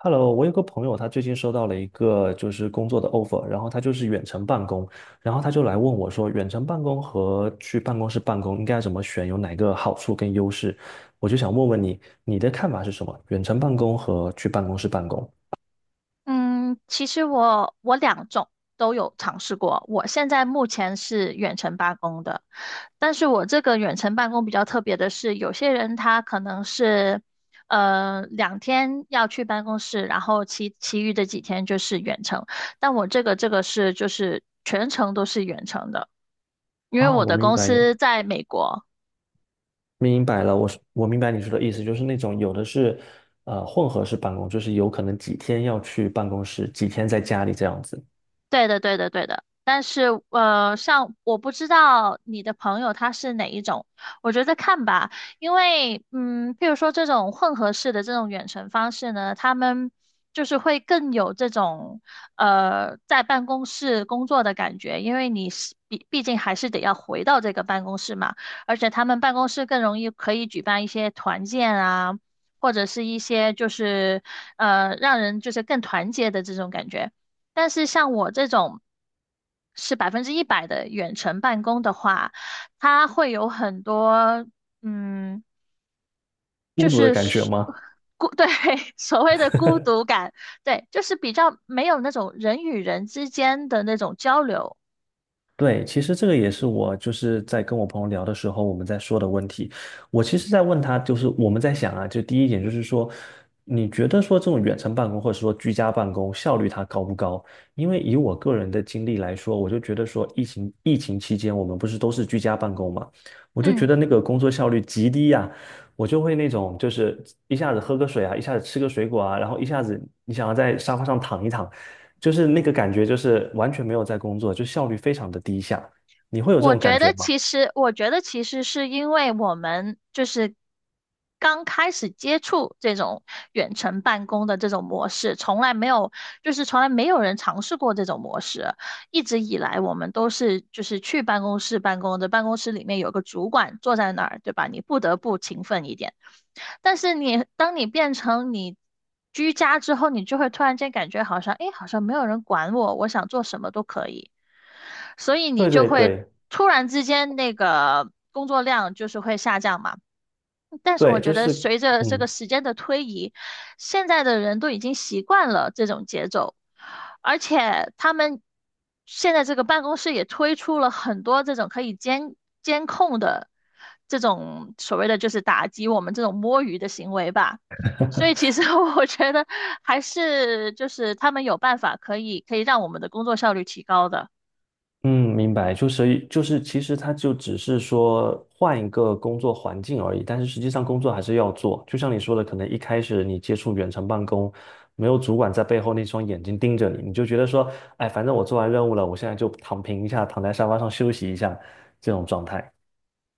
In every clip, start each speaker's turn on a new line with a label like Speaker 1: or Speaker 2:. Speaker 1: Hello,我有个朋友，他最近收到了一个工作的 offer,然后他远程办公，然后他就来问我说，远程办公和去办公室办公应该怎么选，有哪个好处跟优势？我就想问问你，你的看法是什么？远程办公和去办公室办公？
Speaker 2: 嗯，其实我两种都有尝试过。我现在目前是远程办公的，但是我这个远程办公比较特别的是，有些人他可能是两天要去办公室，然后其余的几天就是远程。但我这个是就是全程都是远程的，因为
Speaker 1: 啊，
Speaker 2: 我
Speaker 1: 我
Speaker 2: 的
Speaker 1: 明
Speaker 2: 公
Speaker 1: 白你，
Speaker 2: 司在美国，
Speaker 1: 明白了，我明白你说的意思，就是那种有的是混合式办公，就是有可能几天要去办公室，几天在家里这样子，
Speaker 2: 对的，对的，对的。但是，像我不知道你的朋友他是哪一种，我觉得看吧，因为，嗯，譬如说这种混合式的这种远程方式呢，他们就是会更有这种，在办公室工作的感觉，因为你是毕竟还是得要回到这个办公室嘛，而且他们办公室更容易可以举办一些团建啊，或者是一些就是，让人就是更团结的这种感觉。但是像我这种是百分之一百的远程办公的话，它会有很多，嗯，就
Speaker 1: 孤独的
Speaker 2: 是
Speaker 1: 感觉
Speaker 2: 是
Speaker 1: 吗？
Speaker 2: 对，所谓的孤独感，对，就是比较没有那种人与人之间的那种交流，
Speaker 1: 对，其实这个也是我在跟我朋友聊的时候，我们在说的问题。我其实在问他，就是我们在想啊，就第一点就是说，你觉得说这种远程办公或者说居家办公效率它高不高？因为以我个人的经历来说，我就觉得说疫情期间我们不是都是居家办公嘛，我就觉
Speaker 2: 嗯。
Speaker 1: 得那个工作效率极低呀、我就会那种一下子喝个水啊，一下子吃个水果啊，然后一下子你想要在沙发上躺一躺。就是那个感觉，就是完全没有在工作，就效率非常的低下。你会有这
Speaker 2: 我
Speaker 1: 种感
Speaker 2: 觉
Speaker 1: 觉
Speaker 2: 得
Speaker 1: 吗？
Speaker 2: 其实，我觉得其实是因为我们就是刚开始接触这种远程办公的这种模式，从来没有，就是从来没有人尝试过这种模式。一直以来，我们都是就是去办公室办公的，办公室里面有个主管坐在那儿，对吧？你不得不勤奋一点。但是当你变成你居家之后，你就会突然间感觉好像，诶，好像没有人管我，我想做什么都可以，所以你
Speaker 1: 对
Speaker 2: 就
Speaker 1: 对
Speaker 2: 会
Speaker 1: 对
Speaker 2: 突然之间那个工作量就是会下降嘛。但是我
Speaker 1: 对，
Speaker 2: 觉得随着这个
Speaker 1: 嗯
Speaker 2: 时间的推移，现在的人都已经习惯了这种节奏，而且他们现在这个办公室也推出了很多这种可以监控的这种所谓的就是打击我们这种摸鱼的行为吧。所以其实 我觉得还是就是他们有办法可以让我们的工作效率提高的。
Speaker 1: 嗯，明白，其实它就只是说换一个工作环境而已，但是实际上工作还是要做。就像你说的，可能一开始你接触远程办公，没有主管在背后那双眼睛盯着你，你就觉得说，哎，反正我做完任务了，我现在就躺平一下，躺在沙发上休息一下，这种状态。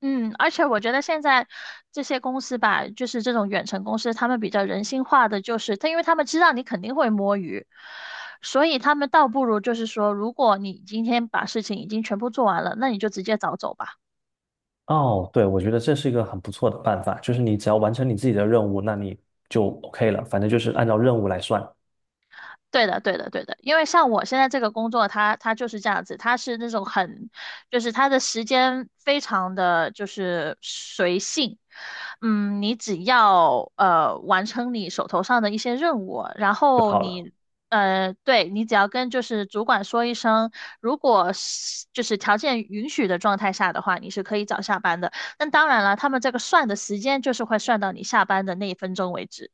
Speaker 2: 嗯，而且我觉得现在这些公司吧，就是这种远程公司，他们比较人性化的，就是他，因为他们知道你肯定会摸鱼，所以他们倒不如就是说，如果你今天把事情已经全部做完了，那你就直接早走吧。
Speaker 1: 哦，对，我觉得这是一个很不错的办法，就是你只要完成你自己的任务，那你就 OK 了，反正就是按照任务来算
Speaker 2: 对的，对的，对的，因为像我现在这个工作，它就是这样子，它是那种很，就是它的时间非常的就是随性，嗯，你只要完成你手头上的一些任务，然
Speaker 1: 就
Speaker 2: 后
Speaker 1: 好了。
Speaker 2: 你对，你只要跟就是主管说一声，如果是就是条件允许的状态下的话，你是可以早下班的。那当然了，他们这个算的时间就是会算到你下班的那一分钟为止。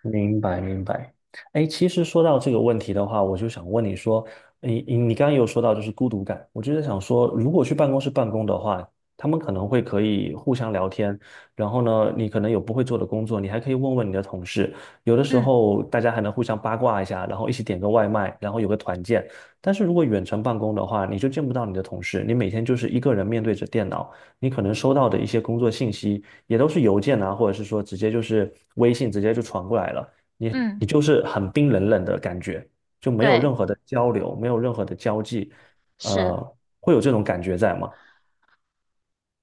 Speaker 1: 明白，明白。哎，其实说到这个问题的话，我就想问你说，你刚刚也有说到就是孤独感，我就在想说，如果去办公室办公的话，他们可能会可以互相聊天，然后呢，你可能有不会做的工作，你还可以问问你的同事，有的时
Speaker 2: 嗯
Speaker 1: 候大家还能互相八卦一下，然后一起点个外卖，然后有个团建。但是如果远程办公的话，你就见不到你的同事，你每天就是一个人面对着电脑，你可能收到的一些工作信息。也都是邮件啊，或者是说直接就是微信直接就传过来了，你
Speaker 2: 嗯，
Speaker 1: 你就是很冰冷冷的感觉，就没有
Speaker 2: 对，
Speaker 1: 任何的交流，没有任何的交际，
Speaker 2: 是。
Speaker 1: 会有这种感觉在吗？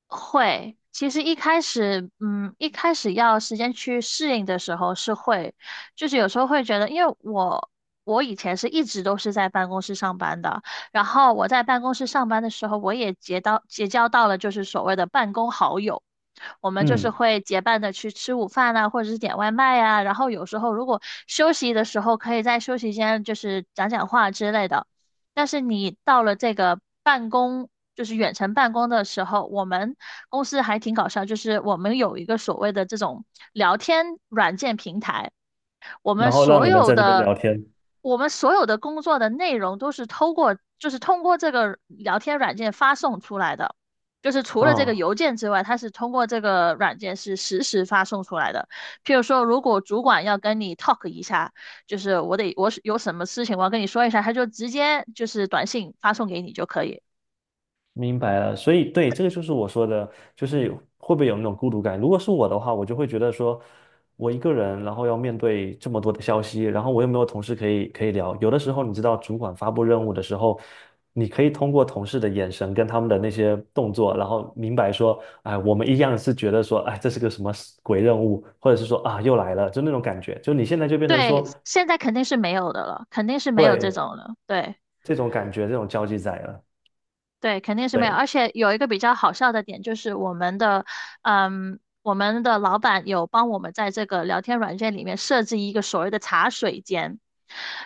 Speaker 2: 会，其实一开始，嗯，一开始要时间去适应的时候是会，就是有时候会觉得，因为我以前是一直都是在办公室上班的，然后我在办公室上班的时候，我也结交到了就是所谓的办公好友。我们就是
Speaker 1: 嗯，
Speaker 2: 会结伴的去吃午饭啊，或者是点外卖呀，然后有时候如果休息的时候，可以在休息间就是讲讲话之类的。但是你到了这个办公，就是远程办公的时候，我们公司还挺搞笑，就是我们有一个所谓的这种聊天软件平台。我
Speaker 1: 然
Speaker 2: 们
Speaker 1: 后让
Speaker 2: 所
Speaker 1: 你们
Speaker 2: 有
Speaker 1: 在那边
Speaker 2: 的
Speaker 1: 聊天
Speaker 2: 我们所有的工作的内容都是通过就是通过这个聊天软件发送出来的，就是除了这个
Speaker 1: 啊。
Speaker 2: 邮件之外，它是通过这个软件是实时发送出来的。譬如说，如果主管要跟你 talk 一下，就是我有什么事情我要跟你说一下，他就直接就是短信发送给你就可以。
Speaker 1: 明白了，所以对，这个就是我说的，就是会不会有那种孤独感？如果是我的话，我就会觉得说，我一个人，然后要面对这么多的消息，然后我又没有同事可以聊。有的时候，你知道，主管发布任务的时候，你可以通过同事的眼神跟他们的那些动作，然后明白说，哎，我们一样是觉得说，哎，这是个什么鬼任务，或者是说啊，又来了，就那种感觉。就你现在就变成
Speaker 2: 对，
Speaker 1: 说，
Speaker 2: 现在肯定是没有的了，肯定是没有这
Speaker 1: 对，
Speaker 2: 种了。对。
Speaker 1: 这种感觉，这种交际在了。
Speaker 2: 对，肯定是没有。
Speaker 1: 对，
Speaker 2: 而且有一个比较好笑的点，就是我们的，嗯，我们的老板有帮我们在这个聊天软件里面设置一个所谓的茶水间，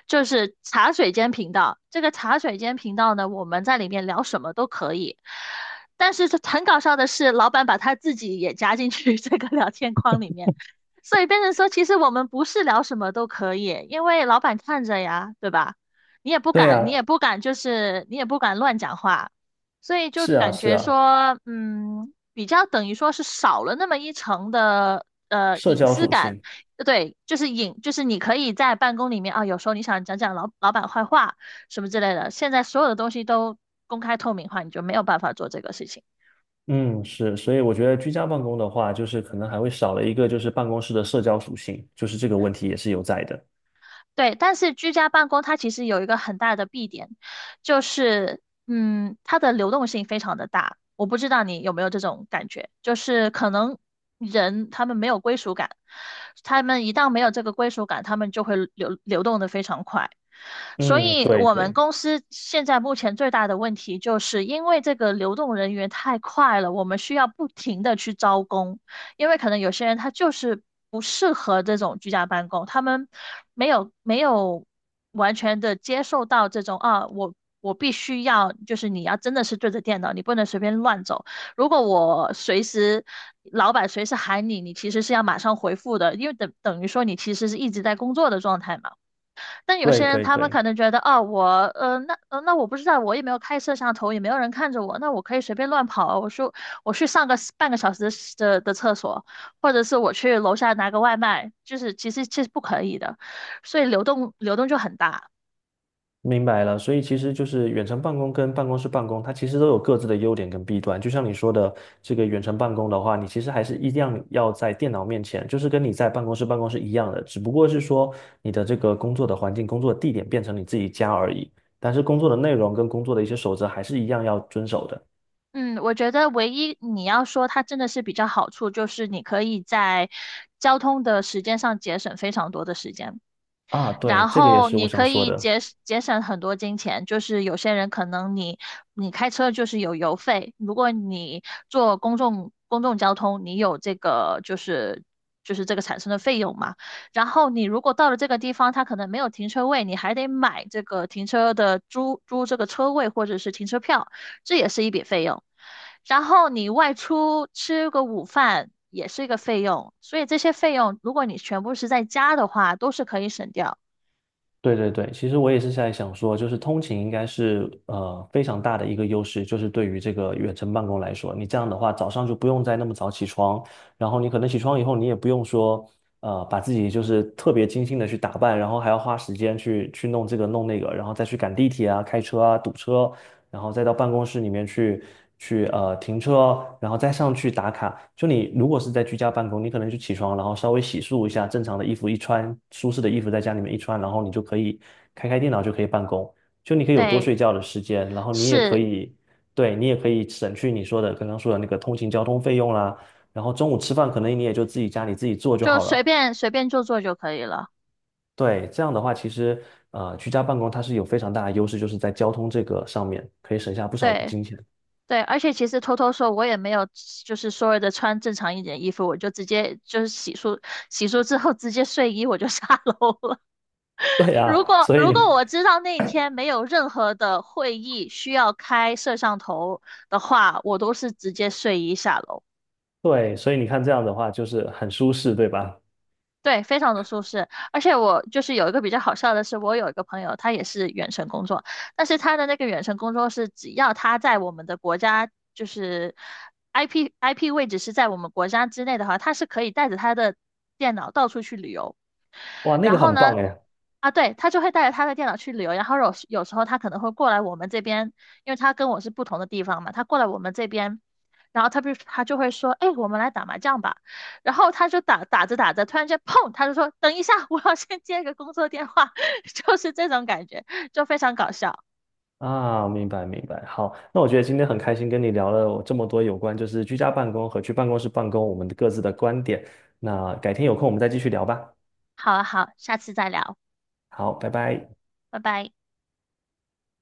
Speaker 2: 就是茶水间频道。这个茶水间频道呢，我们在里面聊什么都可以。但是这很搞笑的是，老板把他自己也加进去 这个聊天框里面，所以变成说，其实我们不是聊什么都可以，因为老板看着呀，对吧？
Speaker 1: 对
Speaker 2: 你
Speaker 1: 啊，
Speaker 2: 也不敢，就是你也不敢乱讲话。所以就
Speaker 1: 是啊，
Speaker 2: 感
Speaker 1: 是
Speaker 2: 觉
Speaker 1: 啊，
Speaker 2: 说，嗯，比较等于说是少了那么一层的
Speaker 1: 社
Speaker 2: 隐
Speaker 1: 交
Speaker 2: 私
Speaker 1: 属
Speaker 2: 感，
Speaker 1: 性。
Speaker 2: 对，就是隐，就是你可以在办公里面啊，有时候你想讲讲老板坏话什么之类的，现在所有的东西都公开透明化，你就没有办法做这个事情。
Speaker 1: 嗯，是，所以我觉得居家办公的话，就是可能还会少了一个就是办公室的社交属性，就是这个问题也是有在的。
Speaker 2: 对，但是居家办公它其实有一个很大的弊点，就是嗯，它的流动性非常的大。我不知道你有没有这种感觉，就是可能人他们没有归属感，他们一旦没有这个归属感，他们就会流动的非常快。所
Speaker 1: 嗯，
Speaker 2: 以
Speaker 1: 对
Speaker 2: 我们
Speaker 1: 对
Speaker 2: 公司现在目前最大的问题，就是因为这个流动人员太快了，我们需要不停的去招工。因为可能有些人他就是不适合这种居家办公，他们没有完全的接受到这种啊，我必须要就是你要真的是对着电脑，你不能随便乱走。如果我随时老板随时喊你，你其实是要马上回复的，因为等于说你其实是一直在工作的状态嘛。但有
Speaker 1: 对
Speaker 2: 些人
Speaker 1: 对
Speaker 2: 他们
Speaker 1: 对，
Speaker 2: 可能觉得，哦，我，那我不知道，我也没有开摄像头，也没有人看着我，那我可以随便乱跑，我说我去上个半个小时的厕所，或者是我去楼下拿个外卖，其实其实不可以的，所以流动就很大。
Speaker 1: 明白了。所以其实就是远程办公跟办公室办公，它其实都有各自的优点跟弊端。就像你说的，这个远程办公的话，你其实还是一样要在电脑面前，就是跟你在办公室办公是一样的，只不过是说你的这个工作的环境、工作地点变成你自己家而已，但是工作的内容跟工作的一些守则还是一样要遵守的。
Speaker 2: 嗯，我觉得唯一你要说它真的是比较好处，就是你可以在交通的时间上节省非常多的时间吧，
Speaker 1: 啊，对，
Speaker 2: 然
Speaker 1: 这个也
Speaker 2: 后
Speaker 1: 是我
Speaker 2: 你
Speaker 1: 想
Speaker 2: 可
Speaker 1: 说
Speaker 2: 以
Speaker 1: 的。
Speaker 2: 节省很多金钱，就是有些人可能你开车就是有油费，如果你坐公众交通，你有这个就是就是这个产生的费用嘛。然后你如果到了这个地方，它可能没有停车位，你还得买这个停车的租这个车位或者是停车票，这也是一笔费用。然后你外出吃个午饭也是一个费用，所以这些费用如果你全部是在家的话，都是可以省掉。
Speaker 1: 对对对，其实我也是在想说，就是通勤应该是非常大的一个优势，就是对于这个远程办公来说，你这样的话早上就不用再那么早起床，然后你可能起床以后你也不用说把自己就是特别精心的去打扮，然后还要花时间去弄这个弄那个，然后再去赶地铁啊、开车啊、堵车，然后再到办公室里面去停车哦，然后再上去打卡。就你如果是在居家办公，你可能就起床，然后稍微洗漱一下，正常的衣服一穿，舒适的衣服在家里面一穿，然后你就可以开电脑就可以办公。就你可以有多
Speaker 2: 对，
Speaker 1: 睡觉的时间，然后你也可
Speaker 2: 是，
Speaker 1: 以，对，你也可以省去你说的刚刚说的那个通勤交通费用啦。然后中午吃饭可能你也就自己家里自己做就
Speaker 2: 就
Speaker 1: 好了。
Speaker 2: 随便做做就可以了。
Speaker 1: 对，这样的话，其实居家办公它是有非常大的优势，就是在交通这个上面可以省下不少的
Speaker 2: 对
Speaker 1: 金钱。
Speaker 2: 对，而且其实偷偷说，我也没有，就是所谓的穿正常一点衣服，我就直接就是洗漱，洗漱之后直接睡衣我就 下楼了。
Speaker 1: 对 啊，所
Speaker 2: 如
Speaker 1: 以
Speaker 2: 果我知道那天没有任何的会议需要开摄像头的话，我都是直接睡衣下楼。
Speaker 1: 对，所以你看这样的话就是很舒适，对吧？
Speaker 2: 对，非常的舒适，而且我就是有一个比较好笑的是，我有一个朋友，他也是远程工作，但是他的那个远程工作是，只要他在我们的国家，就是 IP 位置是在我们国家之内的话，他是可以带着他的电脑到处去旅游。
Speaker 1: 哇，那
Speaker 2: 然
Speaker 1: 个
Speaker 2: 后
Speaker 1: 很
Speaker 2: 呢，
Speaker 1: 棒哎！
Speaker 2: 啊，对，他就会带着他的电脑去旅游，然后有时候他可能会过来我们这边，因为他跟我是不同的地方嘛，他过来我们这边，然后他不他就会说，哎，我们来打麻将吧，然后他就打着打着，突然间砰，他就说，等一下，我要先接个工作电话，就是这种感觉，就非常搞笑。
Speaker 1: 啊，明白明白。好，那我觉得今天很开心跟你聊了这么多有关就是居家办公和去办公室办公我们各自的观点。那改天有空我们再继续聊吧。
Speaker 2: 好啊，好，下次再聊，
Speaker 1: 好，拜拜。
Speaker 2: 拜拜。